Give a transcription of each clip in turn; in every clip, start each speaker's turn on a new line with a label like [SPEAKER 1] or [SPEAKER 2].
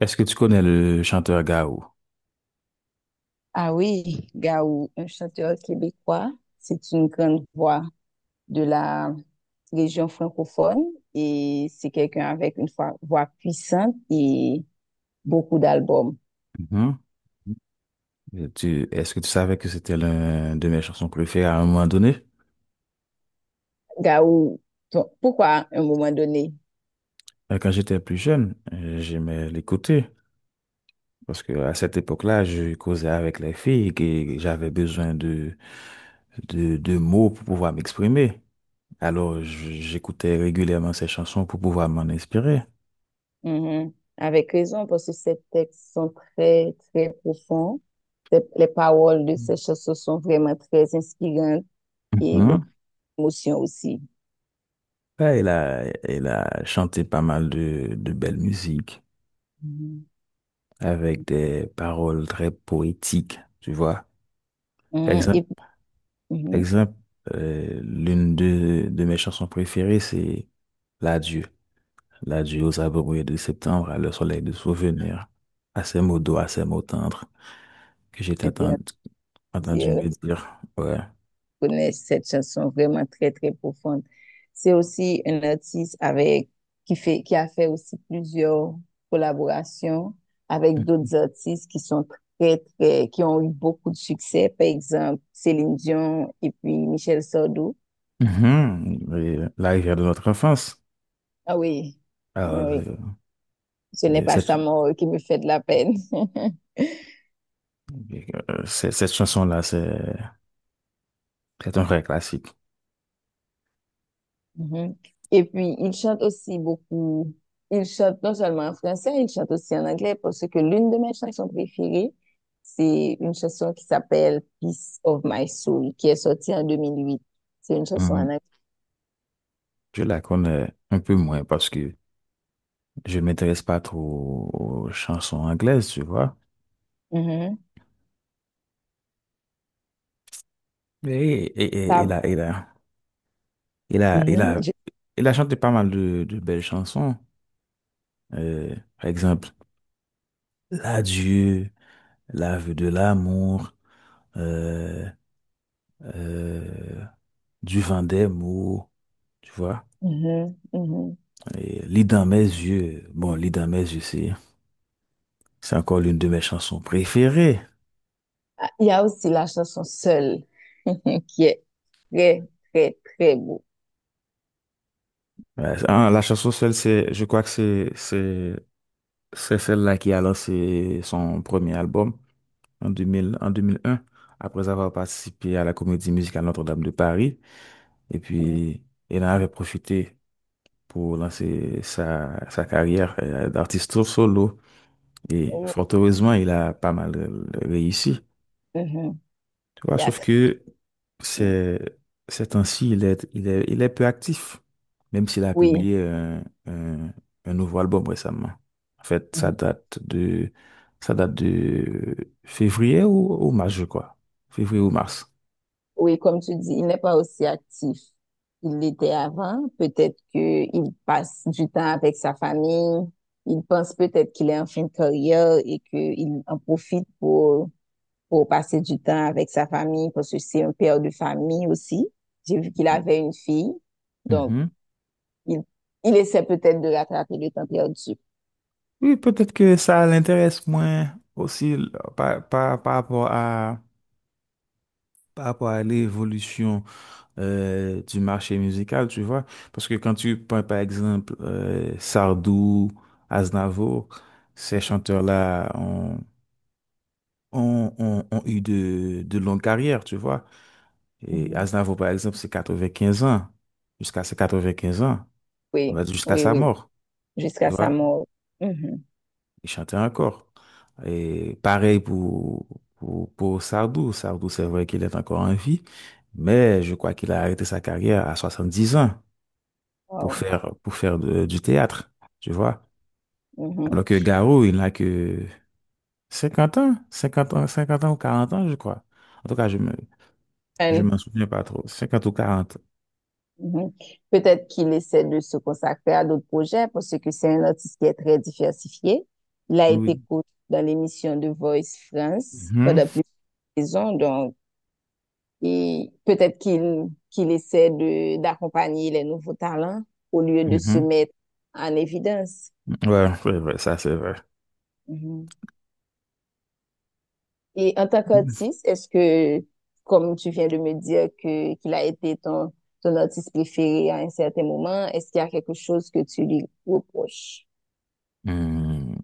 [SPEAKER 1] Est-ce que tu connais le chanteur Gao?
[SPEAKER 2] Ah oui, Gaou, un chanteur québécois, c'est une grande voix de la région francophone et c'est quelqu'un avec une voix puissante et beaucoup d'albums.
[SPEAKER 1] Mhm. Et Est-ce que tu savais que c'était l'un de mes chansons préférées à un moment donné?
[SPEAKER 2] Gaou, pourquoi à un moment donné?
[SPEAKER 1] Quand j'étais plus jeune, j'aimais l'écouter parce que à cette époque-là, je causais avec les filles et j'avais besoin de, de mots pour pouvoir m'exprimer. Alors, j'écoutais régulièrement ces chansons pour pouvoir m'en inspirer.
[SPEAKER 2] Mhm. Avec raison, parce que ces textes sont très, très profonds. Les paroles de ces chansons sont vraiment très inspirantes et beaucoup
[SPEAKER 1] Mhm.
[SPEAKER 2] d'émotions aussi.
[SPEAKER 1] Ouais, il a chanté pas mal de belles musiques,
[SPEAKER 2] Mhm.
[SPEAKER 1] avec des paroles très poétiques, tu vois. Par
[SPEAKER 2] Mhm.
[SPEAKER 1] exemple,
[SPEAKER 2] Et
[SPEAKER 1] par
[SPEAKER 2] mhm.
[SPEAKER 1] exemple l'une de mes chansons préférées, c'est L'adieu. L'adieu aux abrouilles de septembre, à le soleil de souvenir, à ces mots doux, à ces mots tendres que j'ai
[SPEAKER 2] C'était un
[SPEAKER 1] entendu, entendu
[SPEAKER 2] plaisir.
[SPEAKER 1] me dire. Ouais.
[SPEAKER 2] Connaissent cette chanson vraiment très, très profonde. C'est aussi un artiste qui qui a fait aussi plusieurs collaborations avec d'autres artistes qui sont qui ont eu beaucoup de succès. Par exemple, Céline Dion et puis Michel Sardou.
[SPEAKER 1] Mhm. Et la rivière de notre enfance.
[SPEAKER 2] Ah oui,
[SPEAKER 1] Alors,
[SPEAKER 2] ah oui. Ce n'est
[SPEAKER 1] et
[SPEAKER 2] pas
[SPEAKER 1] cette,
[SPEAKER 2] sa mort qui me fait de la peine.
[SPEAKER 1] cette chanson-là, c'est un vrai classique.
[SPEAKER 2] Mhm. Et puis, il chante aussi beaucoup. Il chante non seulement en français, il chante aussi en anglais parce que l'une de mes chansons préférées, c'est une chanson qui s'appelle Peace of My Soul, qui est sortie en 2008. C'est une chanson en
[SPEAKER 1] Mhm.
[SPEAKER 2] anglais.
[SPEAKER 1] Je la connais un peu moins parce que je ne m'intéresse pas trop aux chansons anglaises, tu vois.
[SPEAKER 2] Mhm.
[SPEAKER 1] Mais
[SPEAKER 2] Ça-
[SPEAKER 1] il a, il
[SPEAKER 2] mhm.
[SPEAKER 1] a, il a chanté pas mal de belles chansons. Par exemple, L'adieu, L'aveu de l'amour, euh, euh, Du vent des mots, tu vois.
[SPEAKER 2] Mhm. Mhm.
[SPEAKER 1] Et Lit dans mes yeux. Bon, Lit dans mes yeux, c'est encore l'une de mes chansons préférées.
[SPEAKER 2] Ah, il y a aussi la chanson Seule, qui est très, très, très beau.
[SPEAKER 1] Ouais, ah, la chanson Seule, je crois que c'est celle-là qui a lancé son premier album en 2000, en 2001, après avoir participé à la comédie musicale Notre-Dame de Paris. Et
[SPEAKER 2] Mhm.
[SPEAKER 1] puis, elle en avait profité pour lancer sa, sa carrière d'artiste solo. Et
[SPEAKER 2] Oh.
[SPEAKER 1] fort heureusement, il a pas mal réussi.
[SPEAKER 2] Mhm.
[SPEAKER 1] Tu vois,
[SPEAKER 2] Il y a
[SPEAKER 1] sauf
[SPEAKER 2] très-
[SPEAKER 1] que
[SPEAKER 2] si.
[SPEAKER 1] c'est, ces temps-ci, il est peu actif, même s'il a
[SPEAKER 2] Oui.
[SPEAKER 1] publié un, un nouveau album récemment. En fait, ça
[SPEAKER 2] Mm-hmm.
[SPEAKER 1] date de, ça date de février ou mars, je crois. Février ou mars.
[SPEAKER 2] Oui, comme tu dis, il n'est pas aussi actif qu'il l'était avant. Peut-être qu'il passe du temps avec sa famille. Il pense peut-être qu'il est en fin de carrière et qu'il en profite pour passer du temps avec sa famille parce que c'est un père de famille aussi. J'ai vu qu'il avait une fille. Donc,
[SPEAKER 1] Mhm.
[SPEAKER 2] il, il essaie peut-être de rattraper le temps perdu.
[SPEAKER 1] Oui, peut-être que ça l'intéresse moins aussi là, par, par, par rapport à, par rapport à l'évolution du marché musical, tu vois. Parce que quand tu prends par exemple Sardou, Aznavour, ces chanteurs-là ont eu de longues carrières, tu vois. Et
[SPEAKER 2] Mhm.
[SPEAKER 1] Aznavour, par exemple, c'est 95 ans, jusqu'à ses 95 ans, on
[SPEAKER 2] Oui,
[SPEAKER 1] va dire jusqu'à
[SPEAKER 2] oui,
[SPEAKER 1] sa
[SPEAKER 2] oui.
[SPEAKER 1] mort, tu
[SPEAKER 2] Jusqu'à sa
[SPEAKER 1] vois.
[SPEAKER 2] mort. Mhm.
[SPEAKER 1] Il chantait encore. Et pareil pour, pour Sardou. Sardou, c'est vrai qu'il est encore en vie, mais je crois qu'il a arrêté sa carrière à 70 ans
[SPEAKER 2] Wow.
[SPEAKER 1] pour faire du théâtre, tu vois.
[SPEAKER 2] Mhm.
[SPEAKER 1] Alors que Garou, il n'a que 50 ans, 50 ans, 50 ans ou 40 ans, je crois. En tout cas, je
[SPEAKER 2] And
[SPEAKER 1] m'en souviens pas trop. 50 ou 40.
[SPEAKER 2] mhm. Peut-être qu'il essaie de se consacrer à d'autres projets parce que c'est un artiste qui est très diversifié. Il a
[SPEAKER 1] Oui.
[SPEAKER 2] été coach dans l'émission de Voice France
[SPEAKER 1] Mhm,
[SPEAKER 2] pendant plusieurs saisons, donc et peut-être qu'il essaie de d'accompagner les nouveaux talents au lieu de se
[SPEAKER 1] mhm.
[SPEAKER 2] mettre en évidence.
[SPEAKER 1] Ouais, c'est vrai, ça c'est vrai.
[SPEAKER 2] Mhm. Et en tant qu'artiste, comme tu viens de me dire que qu'il a été ton artiste préféré à un certain moment, est-ce qu'il y a quelque chose que tu lui reproches?
[SPEAKER 1] Hmm,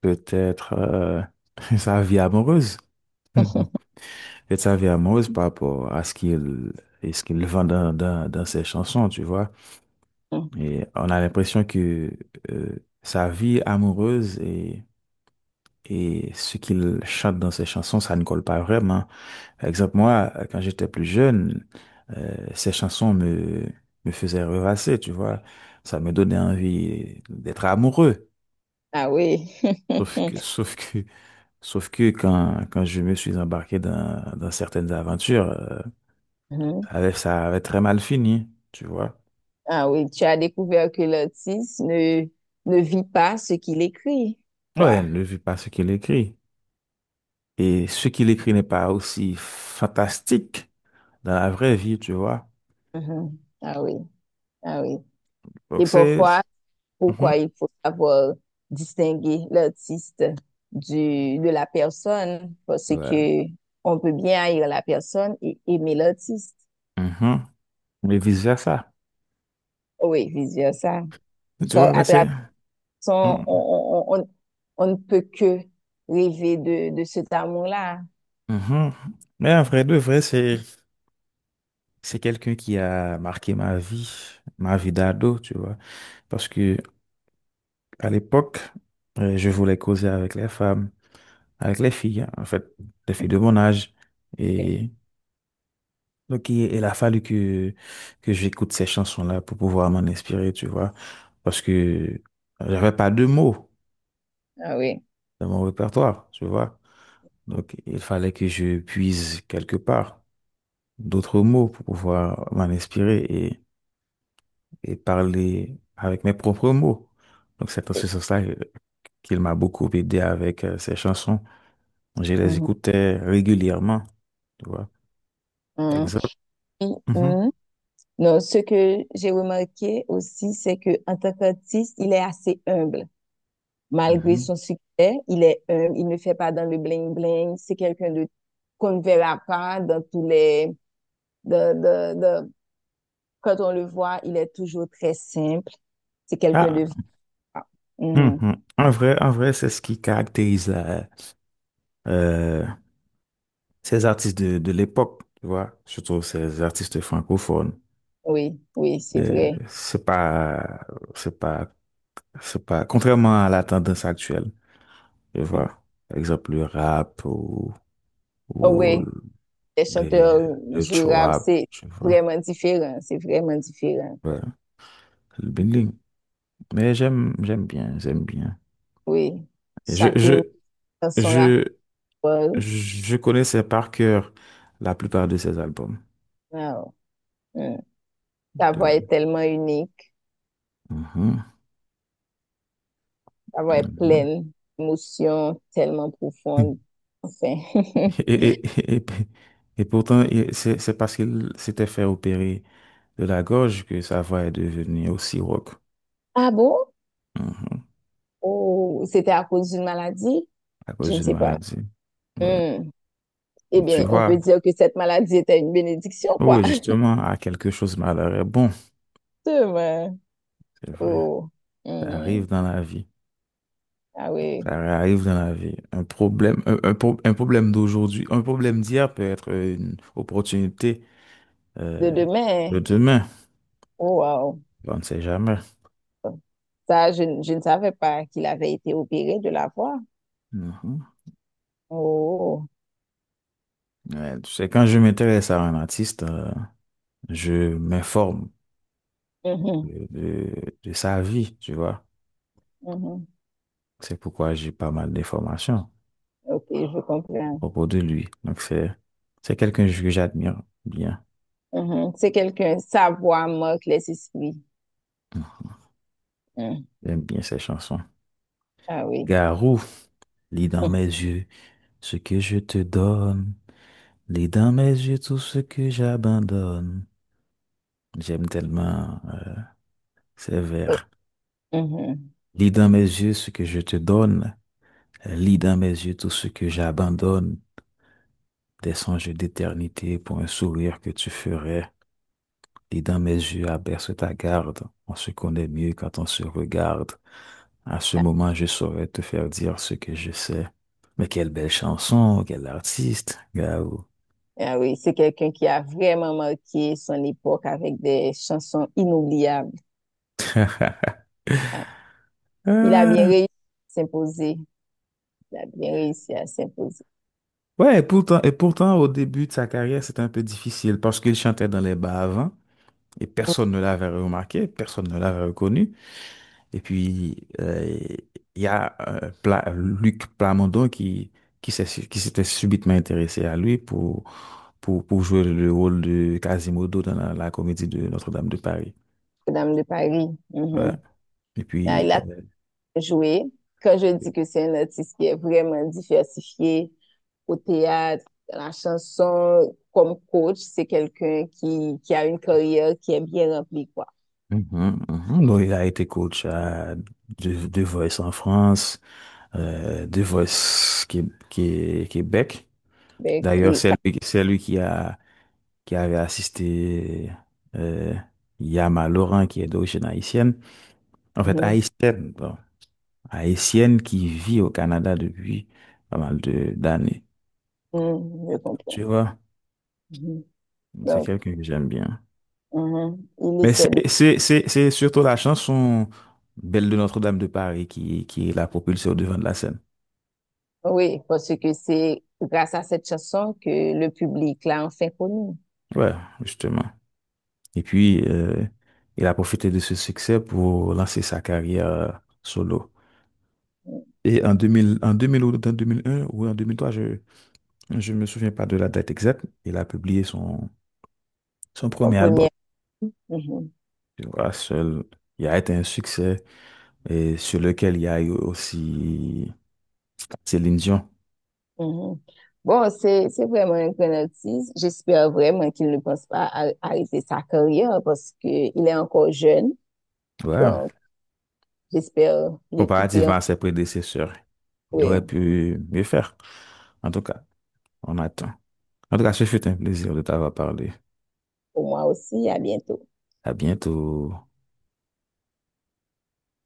[SPEAKER 1] peut-être sa vie amoureuse. Je savais amoureuse par rapport à ce qu'il et ce qu'il vend dans ses chansons, tu vois.
[SPEAKER 2] Mm.
[SPEAKER 1] Et on a l'impression que euh, sa vie amoureuse et ce qu'il chante dans ses chansons, ça ne colle pas vraiment. Par exemple, moi, quand j'étais plus jeune, ces chansons me faisaient rêvasser, tu vois. Ça me donnait envie d'être amoureux.
[SPEAKER 2] Ah oui.
[SPEAKER 1] Sauf que, sauf que, sauf que quand je me suis embarqué dans certaines aventures,
[SPEAKER 2] Mhm.
[SPEAKER 1] ça avait très mal fini, tu vois.
[SPEAKER 2] Ah oui, tu as découvert que l'artiste ne vit pas ce qu'il écrit,
[SPEAKER 1] Ouais,
[SPEAKER 2] quoi.
[SPEAKER 1] elle ne vit pas ce qu'il écrit. Et ce qu'il écrit n'est pas aussi fantastique dans la vraie vie, tu vois.
[SPEAKER 2] Mhm. Ah oui, ah oui.
[SPEAKER 1] Donc
[SPEAKER 2] Et
[SPEAKER 1] c'est.
[SPEAKER 2] parfois,
[SPEAKER 1] Mhm.
[SPEAKER 2] pourquoi il faut savoir distinguer l'artiste de la personne, parce
[SPEAKER 1] Ouais.
[SPEAKER 2] que on peut bien haïr la personne et aimer l'artiste.
[SPEAKER 1] Mhm. Mais vice-versa.
[SPEAKER 2] Oh oui, vice ça.
[SPEAKER 1] Tu vois, mais
[SPEAKER 2] À travers
[SPEAKER 1] c'est.
[SPEAKER 2] son,
[SPEAKER 1] Mhm.
[SPEAKER 2] on on ne peut que rêver de cet amour-là.
[SPEAKER 1] Mhm. Mais en vrai de vrai, c'est quelqu'un qui a marqué ma vie d'ado, tu vois. Parce que à l'époque, je voulais causer avec les femmes, avec les filles, hein, en fait, les filles de mon âge.
[SPEAKER 2] Ok.
[SPEAKER 1] Et donc, il a fallu que j'écoute ces chansons-là pour pouvoir m'en inspirer, tu vois. Parce que j'avais pas de mots
[SPEAKER 2] Ah oui.
[SPEAKER 1] dans mon répertoire, tu vois. Donc, il fallait que je puise quelque part d'autres mots pour pouvoir m'en inspirer et parler avec mes propres mots. Donc, c'est en
[SPEAKER 2] Oui.
[SPEAKER 1] ce sens-là qu'il m'a beaucoup aidé avec ces chansons. Je les
[SPEAKER 2] Mhm.
[SPEAKER 1] écoutais régulièrement, tu vois. Par
[SPEAKER 2] Hum,
[SPEAKER 1] exemple.
[SPEAKER 2] oui,
[SPEAKER 1] Mhm,
[SPEAKER 2] hum. Non, ce que j'ai remarqué aussi, c'est que en tant qu'artiste, il est assez humble. Malgré
[SPEAKER 1] mhm.
[SPEAKER 2] son succès, il est humble. Il ne fait pas dans le bling bling. C'est quelqu'un de qu'on ne verra pas dans tous les. De, de, de- Quand on le voit, il est toujours très simple. C'est quelqu'un
[SPEAKER 1] Ah,
[SPEAKER 2] de. Hum, hum.
[SPEAKER 1] Mhm. En vrai, c'est ce qui caractérise euh, ces artistes de l'époque, tu vois, surtout ces artistes francophones.
[SPEAKER 2] Oui, oui, c'est
[SPEAKER 1] Euh,
[SPEAKER 2] vrai.
[SPEAKER 1] c'est pas, c'est pas, c'est pas, contrairement à la tendance actuelle, tu
[SPEAKER 2] Hum.
[SPEAKER 1] vois, par exemple le rap ou,
[SPEAKER 2] Oh,
[SPEAKER 1] ou
[SPEAKER 2] oui, les
[SPEAKER 1] les,
[SPEAKER 2] chanteurs
[SPEAKER 1] le
[SPEAKER 2] du rap,
[SPEAKER 1] chouab,
[SPEAKER 2] c'est
[SPEAKER 1] tu vois,
[SPEAKER 2] vraiment différent. C'est vraiment différent.
[SPEAKER 1] ouais, le bling. Mais j'aime bien, j'aime bien.
[SPEAKER 2] Oui,
[SPEAKER 1] Et
[SPEAKER 2] chacune dans son rap.
[SPEAKER 1] je, je connaissais par cœur la plupart de ces albums,
[SPEAKER 2] Wow. Hmm. Ta
[SPEAKER 1] tu
[SPEAKER 2] voix
[SPEAKER 1] vois.
[SPEAKER 2] est tellement unique,
[SPEAKER 1] Mhm.
[SPEAKER 2] ta voix est
[SPEAKER 1] Mhm.
[SPEAKER 2] pleine d'émotions tellement profondes. Enfin.
[SPEAKER 1] Et, et, et, et pourtant, c'est parce qu'il s'était fait opérer de la gorge que sa voix est devenue aussi rauque.
[SPEAKER 2] Ah bon?
[SPEAKER 1] Mhm.
[SPEAKER 2] Oh, c'était à cause d'une maladie?
[SPEAKER 1] À
[SPEAKER 2] Je
[SPEAKER 1] cause
[SPEAKER 2] ne
[SPEAKER 1] d'une
[SPEAKER 2] sais pas.
[SPEAKER 1] maladie. Ouais.
[SPEAKER 2] Hmm. Eh
[SPEAKER 1] Donc, tu
[SPEAKER 2] bien, on
[SPEAKER 1] vois,
[SPEAKER 2] peut dire que cette maladie était une bénédiction,
[SPEAKER 1] oh
[SPEAKER 2] quoi.
[SPEAKER 1] oui, justement, à quelque chose, malheur est bon.
[SPEAKER 2] Demain.
[SPEAKER 1] C'est vrai.
[SPEAKER 2] Oh.
[SPEAKER 1] Ça arrive
[SPEAKER 2] Mhm.
[SPEAKER 1] dans la vie.
[SPEAKER 2] Ah oui.
[SPEAKER 1] Ça arrive dans la vie. Un problème, un problème d'aujourd'hui, un problème d'hier peut être une opportunité euh,
[SPEAKER 2] De
[SPEAKER 1] de
[SPEAKER 2] demain.
[SPEAKER 1] demain.
[SPEAKER 2] Oh, wow.
[SPEAKER 1] On ne sait jamais.
[SPEAKER 2] Ça, je, ne- Je ne savais pas qu'il avait été opéré de la voix.
[SPEAKER 1] Mhm.
[SPEAKER 2] Oh.
[SPEAKER 1] Ouais, tu sais, quand je m'intéresse à un artiste, je m'informe
[SPEAKER 2] Mhm.
[SPEAKER 1] de, de sa vie, tu vois.
[SPEAKER 2] Mhm.
[SPEAKER 1] C'est pourquoi j'ai pas mal d'informations
[SPEAKER 2] Ok, je
[SPEAKER 1] à
[SPEAKER 2] comprends.
[SPEAKER 1] propos de lui. Donc, c'est quelqu'un que j'admire bien.
[SPEAKER 2] Mhm. C'est quelqu'un, sa voix marque les esprits. Mhm.
[SPEAKER 1] J'aime bien ses chansons.
[SPEAKER 2] Ah oui.
[SPEAKER 1] Garou, lis dans
[SPEAKER 2] Mhm.
[SPEAKER 1] mes yeux ce que je te donne. Lis dans mes yeux tout ce que j'abandonne. J'aime tellement ces
[SPEAKER 2] Oh,
[SPEAKER 1] vers.
[SPEAKER 2] mhm.
[SPEAKER 1] Lis dans mes yeux ce que je te donne. Lis dans mes yeux tout ce que j'abandonne. Des songes d'éternité pour un sourire que tu ferais, et dans mes yeux abaisse ta garde, on se connaît mieux quand on se regarde. À ce
[SPEAKER 2] Ah
[SPEAKER 1] moment, je saurais te faire dire ce que je sais. Mais quelle belle chanson, quel artiste, Gao.
[SPEAKER 2] ah oui, c'est quelqu'un qui a vraiment marqué son époque avec des chansons inoubliables. Ah, il a bien
[SPEAKER 1] Euh,
[SPEAKER 2] réussi à s'imposer. Il a bien réussi à s'imposer.
[SPEAKER 1] ouais, et pourtant, au début de sa carrière, c'était un peu difficile parce qu'il chantait dans les bars avant et personne ne l'avait remarqué, personne ne l'avait reconnu. Et puis, il y a Luc Plamondon qui, qui s'était subitement intéressé à lui pour, pour jouer le rôle de Quasimodo dans la comédie de Notre-Dame de Paris.
[SPEAKER 2] Madame de Paris.
[SPEAKER 1] Voilà.
[SPEAKER 2] Mhm.
[SPEAKER 1] Et
[SPEAKER 2] Ah,
[SPEAKER 1] puis,
[SPEAKER 2] il a joué. Quand je dis que c'est un artiste qui est vraiment diversifié au théâtre, à la chanson, comme coach, c'est quelqu'un qui a une carrière qui est bien remplie, quoi.
[SPEAKER 1] mhm, mhm. Donc, il a été coach à The Voice en France, The Voice Québec.
[SPEAKER 2] Ben,
[SPEAKER 1] D'ailleurs,
[SPEAKER 2] il,
[SPEAKER 1] c'est lui qui qui avait assisté euh, Yama Laurent, qui est d'origine haïtienne. En fait,
[SPEAKER 2] mhm.
[SPEAKER 1] haïtienne, bon, haïtienne qui vit au Canada depuis pas mal de d'années.
[SPEAKER 2] Mhm. Je comprends.
[SPEAKER 1] Tu vois,
[SPEAKER 2] Mhm.
[SPEAKER 1] c'est
[SPEAKER 2] Donc,
[SPEAKER 1] quelqu'un que j'aime bien.
[SPEAKER 2] mhm. Il
[SPEAKER 1] Mais c'est
[SPEAKER 2] essaie de...
[SPEAKER 1] c'est- c'est- c'est surtout la chanson Belle de Notre-Dame de Paris qui l'a propulsée au devant de la scène.
[SPEAKER 2] Oui, parce que c'est grâce à cette chanson que le public l'a enfin connu.
[SPEAKER 1] Ouais, justement. Et puis, il a profité de ce succès pour lancer sa carrière solo.
[SPEAKER 2] Mmh,
[SPEAKER 1] Et en 2000, en 2000 ou en 2001 ou en 2003, je ne me souviens pas de la date exacte, il a publié son, son
[SPEAKER 2] en
[SPEAKER 1] premier album.
[SPEAKER 2] première. Mhm.
[SPEAKER 1] Voilà, seul, il a été un succès et sur lequel il y a eu aussi Céline Dion.
[SPEAKER 2] Mhm. Bon, c'est vraiment un grand artiste. J'espère vraiment qu'il ne pense pas à arrêter sa carrière parce qu'il est encore jeune.
[SPEAKER 1] Ouais.
[SPEAKER 2] Donc, j'espère l'écouter.
[SPEAKER 1] Comparativement à ses prédécesseurs, il
[SPEAKER 2] Oui,
[SPEAKER 1] aurait pu mieux faire. En tout cas, on attend. En tout cas, ce fut un plaisir de t'avoir parlé.
[SPEAKER 2] pour moi aussi. À bientôt.
[SPEAKER 1] À bientôt.